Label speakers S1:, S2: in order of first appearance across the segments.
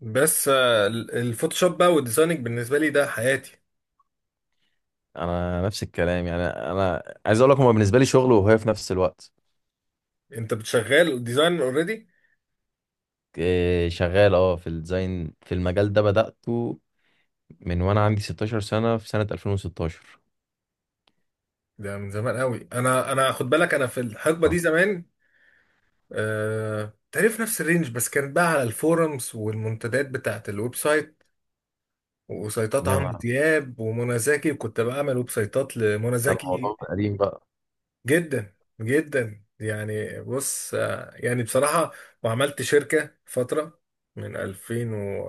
S1: بس الفوتوشوب بقى والديزايننج بالنسبه لي ده حياتي.
S2: انا نفس الكلام، يعني انا عايز اقول لك، هو بالنسبه لي شغل وهي في نفس الوقت.
S1: انت بتشغل ديزاين اوريدي؟
S2: إيه، شغال في الديزاين، في المجال ده بدأته من وانا عندي 16 سنه في سنه 2016.
S1: ده من زمان قوي. انا خد بالك، انا في الحقبه دي
S2: آه.
S1: زمان. تعرف، نفس الرينج بس كانت بقى على الفورums والمنتديات بتاعت الويب سايت وسايتات عمرو
S2: يعني
S1: دياب ومنى زكي، وكنت بعمل ويب سايتات لمنى
S2: ده
S1: زكي.
S2: الموضوع قديم بقى.
S1: جدا، جدا يعني. بص، يعني بصراحه، وعملت شركه فتره من 2000، و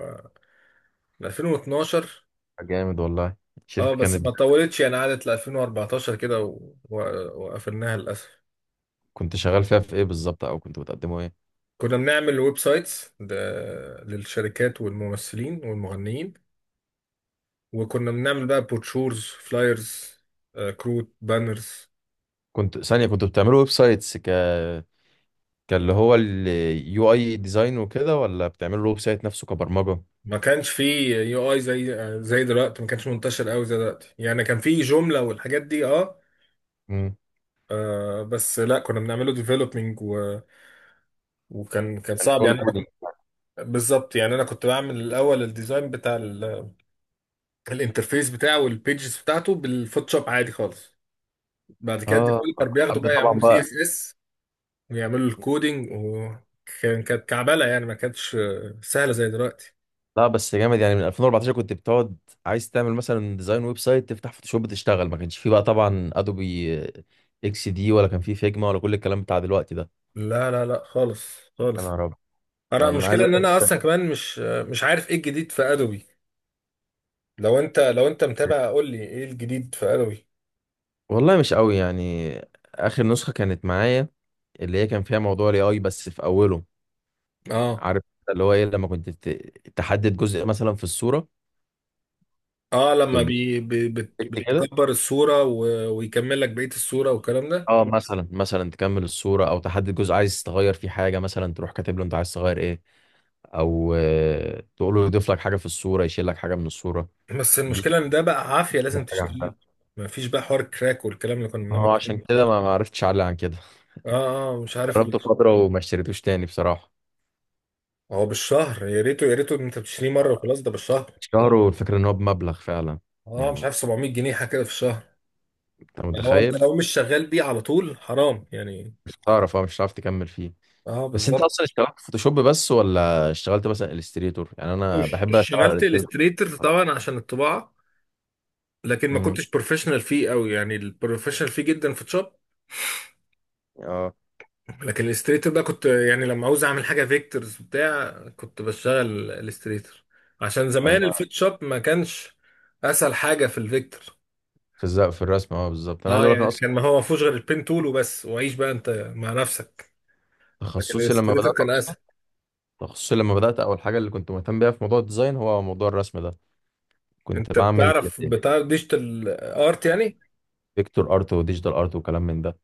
S1: من 2012.
S2: جامد والله. الشركه
S1: اه بس
S2: كانت.
S1: ما طولتش يعني، قعدت ل 2014 كده، وقفلناها للاسف.
S2: كنت شغال فيها في ايه بالظبط، او كنت بتقدموا ايه؟
S1: كنا بنعمل ويب سايتس ده للشركات والممثلين والمغنيين، وكنا بنعمل بقى بروشورز، فلايرز، كروت، بانرز.
S2: كنت ثانيه، كنتوا بتعملوا ويب سايتس كان اللي هو اليو اي ديزاين وكده، ولا بتعملوا الويب سايت نفسه كبرمجه؟
S1: ما كانش فيه يو اي زي دلوقتي. ما كانش منتشر قوي زي دلوقتي يعني، كان فيه جملة والحاجات دي اه.
S2: امم.
S1: بس لا، كنا بنعمله ديفلوبينج و... وكان
S2: كان
S1: صعب
S2: شغل
S1: يعني.
S2: كودينج.
S1: انا بالظبط يعني، انا كنت بعمل الاول الديزاين بتاع الانترفيس بتاعه والبيجز بتاعته بالفوتوشوب عادي خالص. بعد كده
S2: اه،
S1: الديفلوبر بياخدوا
S2: قبل
S1: بقى
S2: طبعا
S1: يعملوا سي
S2: بقى.
S1: اس اس ويعملوا الكودينج. وكان كانت كعبله يعني، ما كانتش سهله زي دلوقتي.
S2: لا بس جامد، يعني من 2014 كنت بتقعد عايز تعمل مثلا ديزاين ويب سايت، تفتح فوتوشوب تشتغل. ما كانش فيه بقى طبعا ادوبي اكس دي، ولا كان فيه فيجما، ولا كل الكلام بتاع دلوقتي ده.
S1: لا، لا، لا، خالص
S2: يا
S1: خالص.
S2: نهار ابيض!
S1: انا
S2: انا عايز
S1: المشكله
S2: اقول
S1: ان
S2: لك،
S1: انا اصلا كمان مش عارف ايه الجديد في ادوبي. لو انت متابع قول لي ايه الجديد في ادوبي.
S2: والله مش قوي يعني. اخر نسخه كانت معايا، اللي هي كان فيها موضوع الاي اي بس في اوله،
S1: اه،
S2: عارف؟ اللي هو ايه، لما كنت تحدد جزء مثلا في الصوره،
S1: اه، لما
S2: ب-
S1: بي بي بت
S2: بتكت كده.
S1: بتكبر الصوره ويكمل لك بقيه الصوره والكلام ده.
S2: اه، مثلا تكمل الصوره، او تحدد جزء عايز تغير فيه حاجه، مثلا تروح كاتب له انت عايز تغير ايه، او تقول له يضيف لك حاجه في الصوره، يشيل لك حاجه من الصوره.
S1: بس
S2: دي
S1: المشكلة ان ده بقى عافية، لازم
S2: أكتر حاجه
S1: تشتريه.
S2: عملها.
S1: مفيش بقى حوار كراك والكلام اللي كنا
S2: هو
S1: بنعمله
S2: عشان
S1: فيه.
S2: كده ما عرفتش اعلى عن كده.
S1: اه، اه، مش عارف ال...
S2: جربته فتره وما اشتريتوش تاني بصراحه.
S1: هو بالشهر. يا ريته، يا ريته انت بتشتريه مرة وخلاص، ده بالشهر.
S2: الشهر، والفكره ان هو بمبلغ فعلا،
S1: اه مش
S2: يعني
S1: عارف، 700 جنيه حاجة كده في الشهر.
S2: انت
S1: لو انت،
S2: متخيل.
S1: لو مش شغال بيه على طول حرام يعني.
S2: مش هتعرف، اه مش هتعرف تكمل فيه.
S1: اه
S2: بس انت
S1: بالظبط.
S2: اصلا اشتغلت فوتوشوب بس، ولا اشتغلت مثلا الستريتور؟ يعني انا بحب اشتغل على
S1: اشتغلت
S2: الستريتور
S1: الستريتر
S2: بصراحة.
S1: طبعا عشان الطباعة. لكن ما
S2: امم،
S1: كنتش بروفيشنال فيه قوي يعني، البروفيشنال فيه جدا فوتوشوب.
S2: اه.
S1: لكن الاستريتور بقى كنت يعني، لما عاوز اعمل حاجه فيكتورز بتاع كنت بشتغل الاستريتور، عشان
S2: انا
S1: زمان الفوتوشوب ما كانش اسهل حاجه في الفيكتور.
S2: في الزق في الرسم، اه بالظبط. انا عايز
S1: اه
S2: اقول لك،
S1: يعني
S2: انا اصلا
S1: كان، ما هو ما فيهوش غير البين تول وبس، وعيش بقى انت مع نفسك. لكن
S2: تخصصي لما
S1: الاستريتور
S2: بدات
S1: كان
S2: اصلا،
S1: اسهل.
S2: تخصصي لما بدات اول حاجه اللي كنت مهتم بيها في موضوع الديزاين هو موضوع الرسم ده. كنت
S1: انت
S2: بعمل
S1: بتعرف ديجيتال ارت يعني؟
S2: فيكتور ارت وديجيتال ارت وكلام من ده.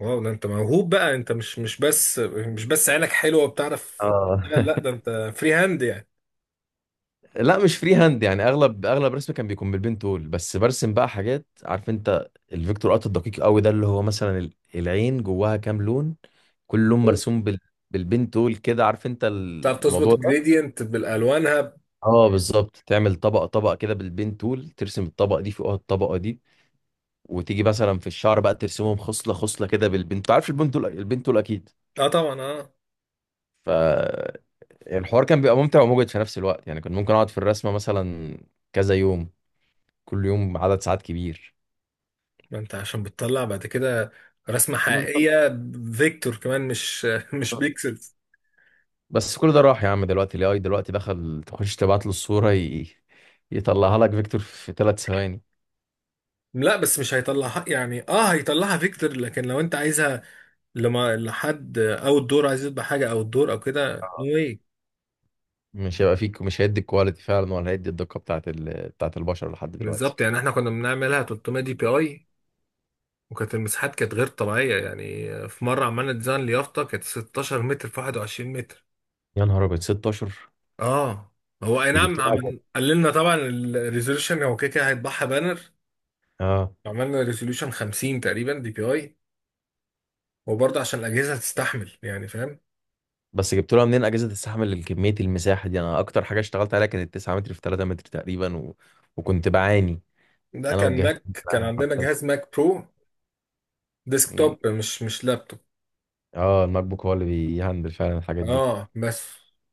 S1: واو، ده انت موهوب بقى. انت مش بس عينك حلوه وبتعرف.
S2: اه.
S1: لا، لا، ده انت فري هاند يعني.
S2: لا، مش فري هاند يعني، اغلب رسمي كان بيكون بالبين تول، بس برسم بقى حاجات، عارف انت الفيكتور ارت الدقيق قوي ده، اللي هو مثلا العين جواها كام لون، كل لون
S1: أوه.
S2: مرسوم بالبين تول كده، عارف انت
S1: بتعرف تظبط
S2: الموضوع ده.
S1: الجريدينت بالالوانها.
S2: اه بالظبط، تعمل طبقه طبقه كده بالبين تول، ترسم الطبقه دي فوقها الطبقه دي، وتيجي مثلا في الشعر بقى ترسمهم خصله خصله كده بالبين. انت عارف البين تول، البين تول اكيد.
S1: اه طبعا، اه.
S2: ف يعني الحوار كان بيبقى ممتع ومجهد في نفس الوقت، يعني كنت ممكن اقعد في الرسمه مثلا كذا يوم، كل يوم عدد ساعات كبير.
S1: ما انت عشان بتطلع بعد كده رسمة
S2: بالظبط.
S1: حقيقية، فيكتور كمان، مش مش بيكسلز.
S2: بس كل ده راح يا عم، دلوقتي الاي اي دلوقتي دخل، تخش تبعت له الصوره يطلعها لك فيكتور في 3 ثواني.
S1: لا بس مش هيطلعها يعني. اه هيطلعها فيكتور، لكن لو انت عايزها لما لحد او الدور عايز يطبع حاجة او الدور او كده، نو واي.
S2: مش هيبقى فيك مش هيدي الكواليتي فعلا، ولا هيدي الدقه بتاعت بتاعت البشر لحد دلوقتي.
S1: بالظبط يعني، احنا كنا بنعملها 300 دي بي اي. وكانت المساحات كانت غير طبيعية يعني، في مرة عملنا ديزاين ليافطة كانت 16 متر في 21 متر.
S2: يا نهار ابيض 16!
S1: اه، هو اي
S2: دي
S1: نعم،
S2: جبت لها
S1: عمل
S2: جوه.
S1: قللنا طبعا الريزولوشن، هو كده كده هيطبعها بانر.
S2: اه
S1: عملنا ريزولوشن 50 تقريبا دي بي اي، وبرضه عشان الأجهزة تستحمل يعني، فاهم؟
S2: بس جبت لها منين اجهزه تستحمل الكميه المساحه دي؟ انا اكتر حاجه اشتغلت عليها كانت 9 متر في 3 متر تقريبا، و... وكنت بعاني
S1: ده
S2: انا
S1: كان
S2: والجهاز.
S1: ماك، كان عندنا جهاز ماك برو
S2: مم.
S1: ديسكتوب، مش لابتوب.
S2: اه، الماك بوك هو اللي بيهندل فعلا الحاجات دي.
S1: اه بس،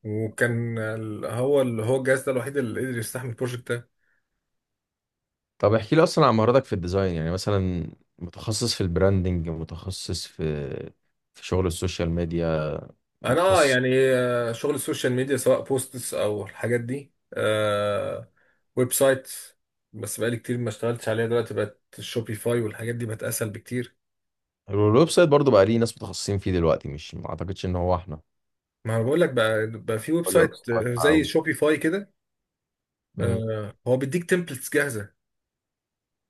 S1: وكان هو اللي هو الجهاز ده الوحيد اللي قدر يستحمل البروجكت ده.
S2: طب احكي لي اصلا عن مهاراتك في الديزاين، يعني مثلا متخصص في البراندنج، متخصص في شغل السوشيال ميديا،
S1: انا
S2: متخصص
S1: يعني، شغل السوشيال ميديا سواء بوستس او الحاجات دي. ويب سايت، بس بقالي كتير ما اشتغلتش عليها. دلوقتي بقت شوبيفاي والحاجات دي بقت اسهل بكتير.
S2: الويب سايت برضه بقى؟ ليه ناس متخصصين فيه دلوقتي؟ مش، ما اعتقدش ان هو احنا.
S1: ما انا بقول لك، بقى في ويب
S2: هو اليو اكس
S1: سايت زي
S2: قوي.
S1: شوبيفاي كده.
S2: مم.
S1: هو بيديك تمبلتس جاهزة،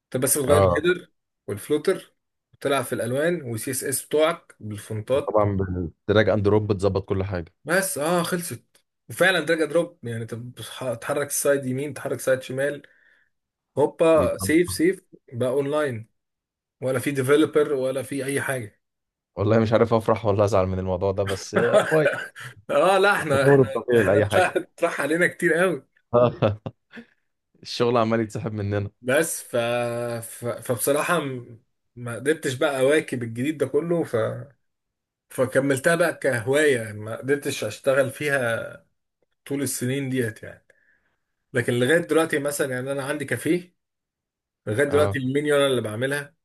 S1: انت بس بتغير
S2: اه،
S1: الهيدر والفلوتر، وتلعب في الالوان والسي اس اس بتوعك بالفونتات.
S2: وطبعا بالدراج اند دروب بتظبط كل حاجه.
S1: بس اه، خلصت. وفعلا دراج أند دروب يعني، انت تحرك السايد يمين، تحرك سايد شمال، هوبا،
S2: بيتظبط.
S1: سيف سيف. بقى اونلاين، ولا في ديفلوبر ولا في اي حاجه.
S2: والله مش عارف افرح ولا ازعل من الموضوع ده، بس كويس،
S1: اه لا، احنا
S2: التطور
S1: احنا
S2: الطبيعي
S1: احنا
S2: لاي حاجه.
S1: اتراح علينا كتير قوي.
S2: الشغل عمال يتسحب مننا.
S1: بس فبصراحه، ما قدرتش بقى اواكب الجديد ده كله، فكملتها بقى كهوايه، ما قدرتش اشتغل فيها طول السنين ديت يعني. لكن لغايه دلوقتي مثلا يعني، انا عندي كافيه. لغايه
S2: اه
S1: دلوقتي المنيو انا اللي بعملها،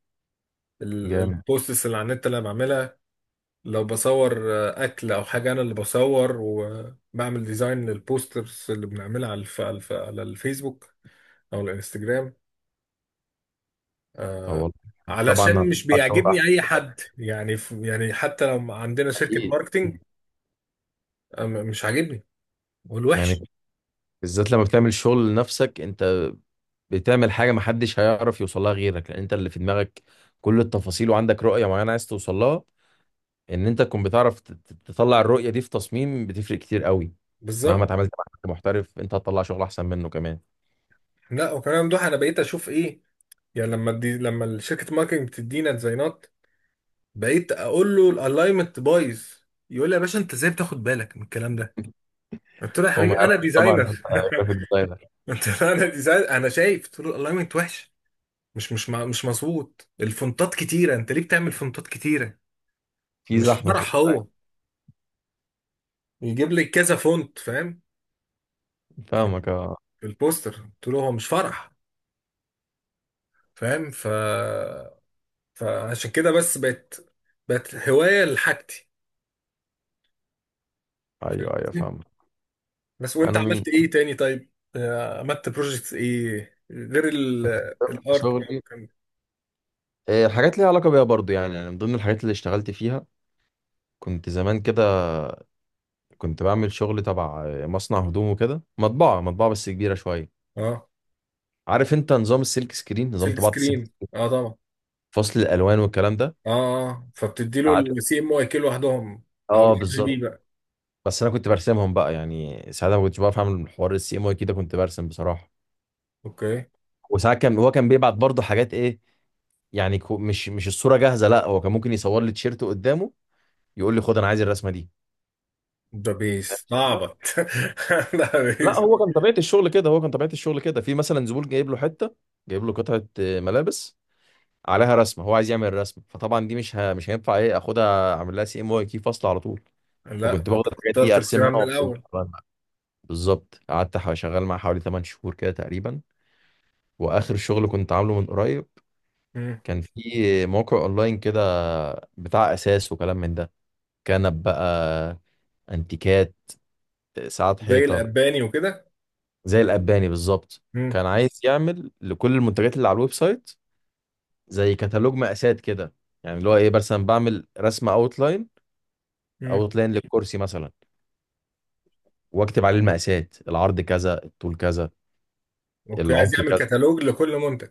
S2: جامد.
S1: البوستس اللي على النت انا بعملها. لو بصور اكل او حاجه، انا اللي بصور وبعمل ديزاين للبوسترز اللي بنعملها على الفيسبوك او الانستجرام.
S2: طب
S1: آه،
S2: والله. طبعا
S1: علشان مش
S2: هتطلع
S1: بيعجبني
S2: أحسن
S1: اي
S2: من
S1: حد يعني. يعني حتى لو عندنا شركه
S2: اكيد.
S1: ماركتينج، مش عاجبني
S2: يعني
S1: والوحش.
S2: بالذات لما بتعمل شغل لنفسك انت، بتعمل حاجه محدش هيعرف يوصلها غيرك، لان انت اللي في دماغك كل التفاصيل، وعندك رؤيه معينه عايز توصلها، ان انت تكون بتعرف تطلع الرؤيه دي في تصميم بتفرق كتير قوي. مهما
S1: بالظبط.
S2: اتعاملت مع حد محترف، انت هتطلع شغل احسن منه كمان.
S1: لا، وكمان ممدوح، انا بقيت اشوف ايه يعني. لما الشركه ماركتنج بتدينا ديزاينات بقيت اقول له الالاينمنت بايظ. يقول لي يا باشا، انت ازاي بتاخد بالك من الكلام ده؟ قلت له يا
S2: هو ما
S1: حبيبي انا
S2: يعرفش طبعا إن
S1: ديزاينر.
S2: انت جرافيك ديزاينر.
S1: قلت له انا ديزاينر، انا شايف، قلت له الالاينمنت وحش، مش مظبوط. الفونتات كتيره، انت ليه بتعمل فونتات كتيره؟
S2: في
S1: مش
S2: زحمه، في.
S1: فرح هو يجيب لي كذا فونت، فاهم؟ في
S2: فاهمك اه.
S1: في البوستر قلت له هو مش فرح، فاهم؟ فعشان كده بس بقت هوايه لحاجتي، فاهم؟
S2: ايوه ايوه فاهمك.
S1: بس وانت
S2: انا من
S1: عملت ايه تاني طيب؟ عملت بروجكتس ايه غير الارت ما
S2: شغلي
S1: كان؟
S2: الحاجات ليها علاقه بيها برضو يعني، يعني من ضمن الحاجات اللي اشتغلت فيها، كنت زمان كده كنت بعمل شغل تبع مصنع هدوم وكده، مطبعة مطبعة بس كبيرة شوية.
S1: اه،
S2: عارف انت نظام السلك سكرين، نظام
S1: سلك
S2: طباعة السلك.
S1: سكرين، اه طبعا.
S2: فصل الألوان والكلام ده.
S1: اه، آه، اه، فبتدي له
S2: قعدت.
S1: السي ام واي كي لوحدهم او
S2: اه
S1: الار جي بي
S2: بالظبط.
S1: بقى.
S2: بس انا كنت برسمهم بقى يعني، ساعتها ما كنتش بعرف اعمل حوار السي ام واي كده، كنت برسم بصراحة.
S1: اوكي.
S2: وساعات كان هو كان بيبعت برضه حاجات ايه، يعني مش الصورة جاهزة. لا هو كان ممكن يصور لي تيشيرت قدامه، يقول لي خد انا عايز الرسمة دي.
S1: ده بيس اعبط. ده
S2: لا،
S1: بيس.
S2: هو كان طبيعة الشغل كده، هو كان طبيعة الشغل كده، في مثلا زبون جايب له حتة، جايب له قطعة ملابس، عليها رسمه هو عايز يعمل رسمه، فطبعا دي مش هينفع ايه اخدها اعمل لها سي ام واي كي فصل على طول.
S1: لا،
S2: فكنت باخد
S1: فانت
S2: الحاجات دي
S1: اخترت
S2: ارسمها
S1: الخيار من
S2: وابسطها.
S1: الاول.
S2: بالظبط، قعدت شغال معاه حوالي 8 شهور كده تقريبا. واخر شغل كنت عامله من قريب
S1: مم.
S2: كان في موقع اونلاين كده، بتاع اساس وكلام من ده، كنب بقى، انتيكات، ساعات
S1: زي
S2: حيطه،
S1: الاباني وكده.
S2: زي الاباني بالظبط.
S1: مم.
S2: كان عايز يعمل لكل المنتجات اللي على الويب سايت زي كتالوج مقاسات كده. يعني اللي هو ايه، مثلا بعمل رسمه اوتلاين، او
S1: مم.
S2: اوت لاين للكرسي مثلا، واكتب عليه المقاسات، العرض كذا، الطول كذا،
S1: اوكي،
S2: العمق
S1: عايز يعمل
S2: كذا.
S1: كتالوج لكل منتج.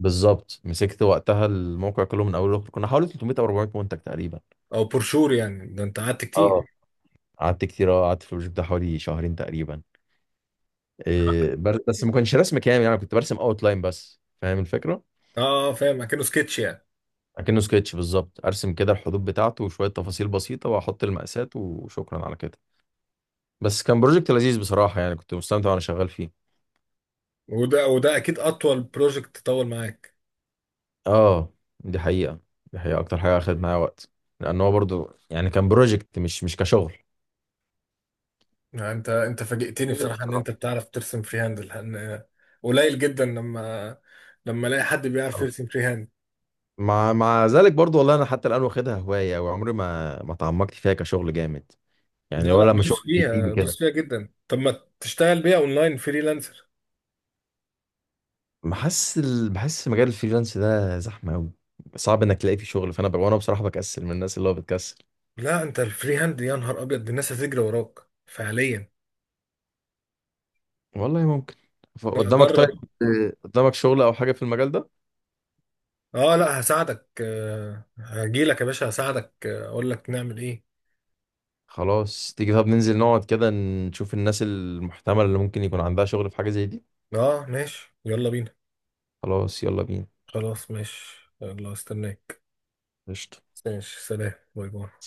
S2: بالظبط، مسكت وقتها الموقع كله من اول لاخر، كنا حوالي 300 او 400 منتج تقريبا.
S1: او برشور يعني، ده انت قعدت كتير.
S2: اه قعدت كتير أوي، قعدت في البروجكت ده حوالي شهرين تقريبا. إيه، بس ما كانش رسم كامل يعني، كنت برسم اوت لاين بس، فاهم الفكره.
S1: اه، فاهم، اكنه سكتش يعني.
S2: اكنه سكتش بالظبط، ارسم كده الحدود بتاعته وشويه تفاصيل بسيطه، واحط المقاسات وشكرا على كده. بس كان بروجكت لذيذ بصراحه، يعني كنت مستمتع وانا شغال فيه.
S1: وده اكيد اطول بروجكت طول معاك.
S2: اه دي حقيقة، دي حقيقة اكتر حاجة اخدت معايا وقت، لان هو برضو يعني كان بروجكت مش كشغل.
S1: يعني انت فاجئتني
S2: جميل
S1: بصراحه، ان
S2: بصراحة.
S1: انت بتعرف ترسم فري هاند، لان قليل جدا لما، الاقي حد بيعرف يرسم فري هاند.
S2: مع ذلك برضو والله، انا حتى الان واخدها هواية، وعمري ما تعمقت فيها كشغل جامد
S1: لا،
S2: يعني،
S1: لا،
S2: ولا لما
S1: دوس
S2: شغل بيجي لي
S1: فيها
S2: كده.
S1: دوس فيها جدا. طب ما تشتغل بيها اونلاين فريلانسر؟
S2: بحس بحس مجال الفريلانس ده زحمة قوي، صعب انك تلاقي فيه شغل. فانا وانا بصراحة بكسل من الناس، اللي هو بتكسل.
S1: لا انت الفري هاند، يا نهار ابيض، دي الناس هتجري وراك فعليا.
S2: والله ممكن.
S1: لا
S2: قدامك طيب،
S1: جرب.
S2: قدامك شغل او حاجة في المجال ده؟
S1: اه لا، هساعدك، هجيلك يا باشا، هساعدك، اقول لك نعمل ايه.
S2: خلاص تيجي، طب ننزل نقعد كده نشوف الناس المحتملة اللي ممكن يكون عندها شغل في حاجة زي دي.
S1: اه ماشي، يلا بينا.
S2: خلاص يلا بينا.
S1: خلاص ماشي، يلا استناك.
S2: قشطة.
S1: ماشي سلام، باي باي.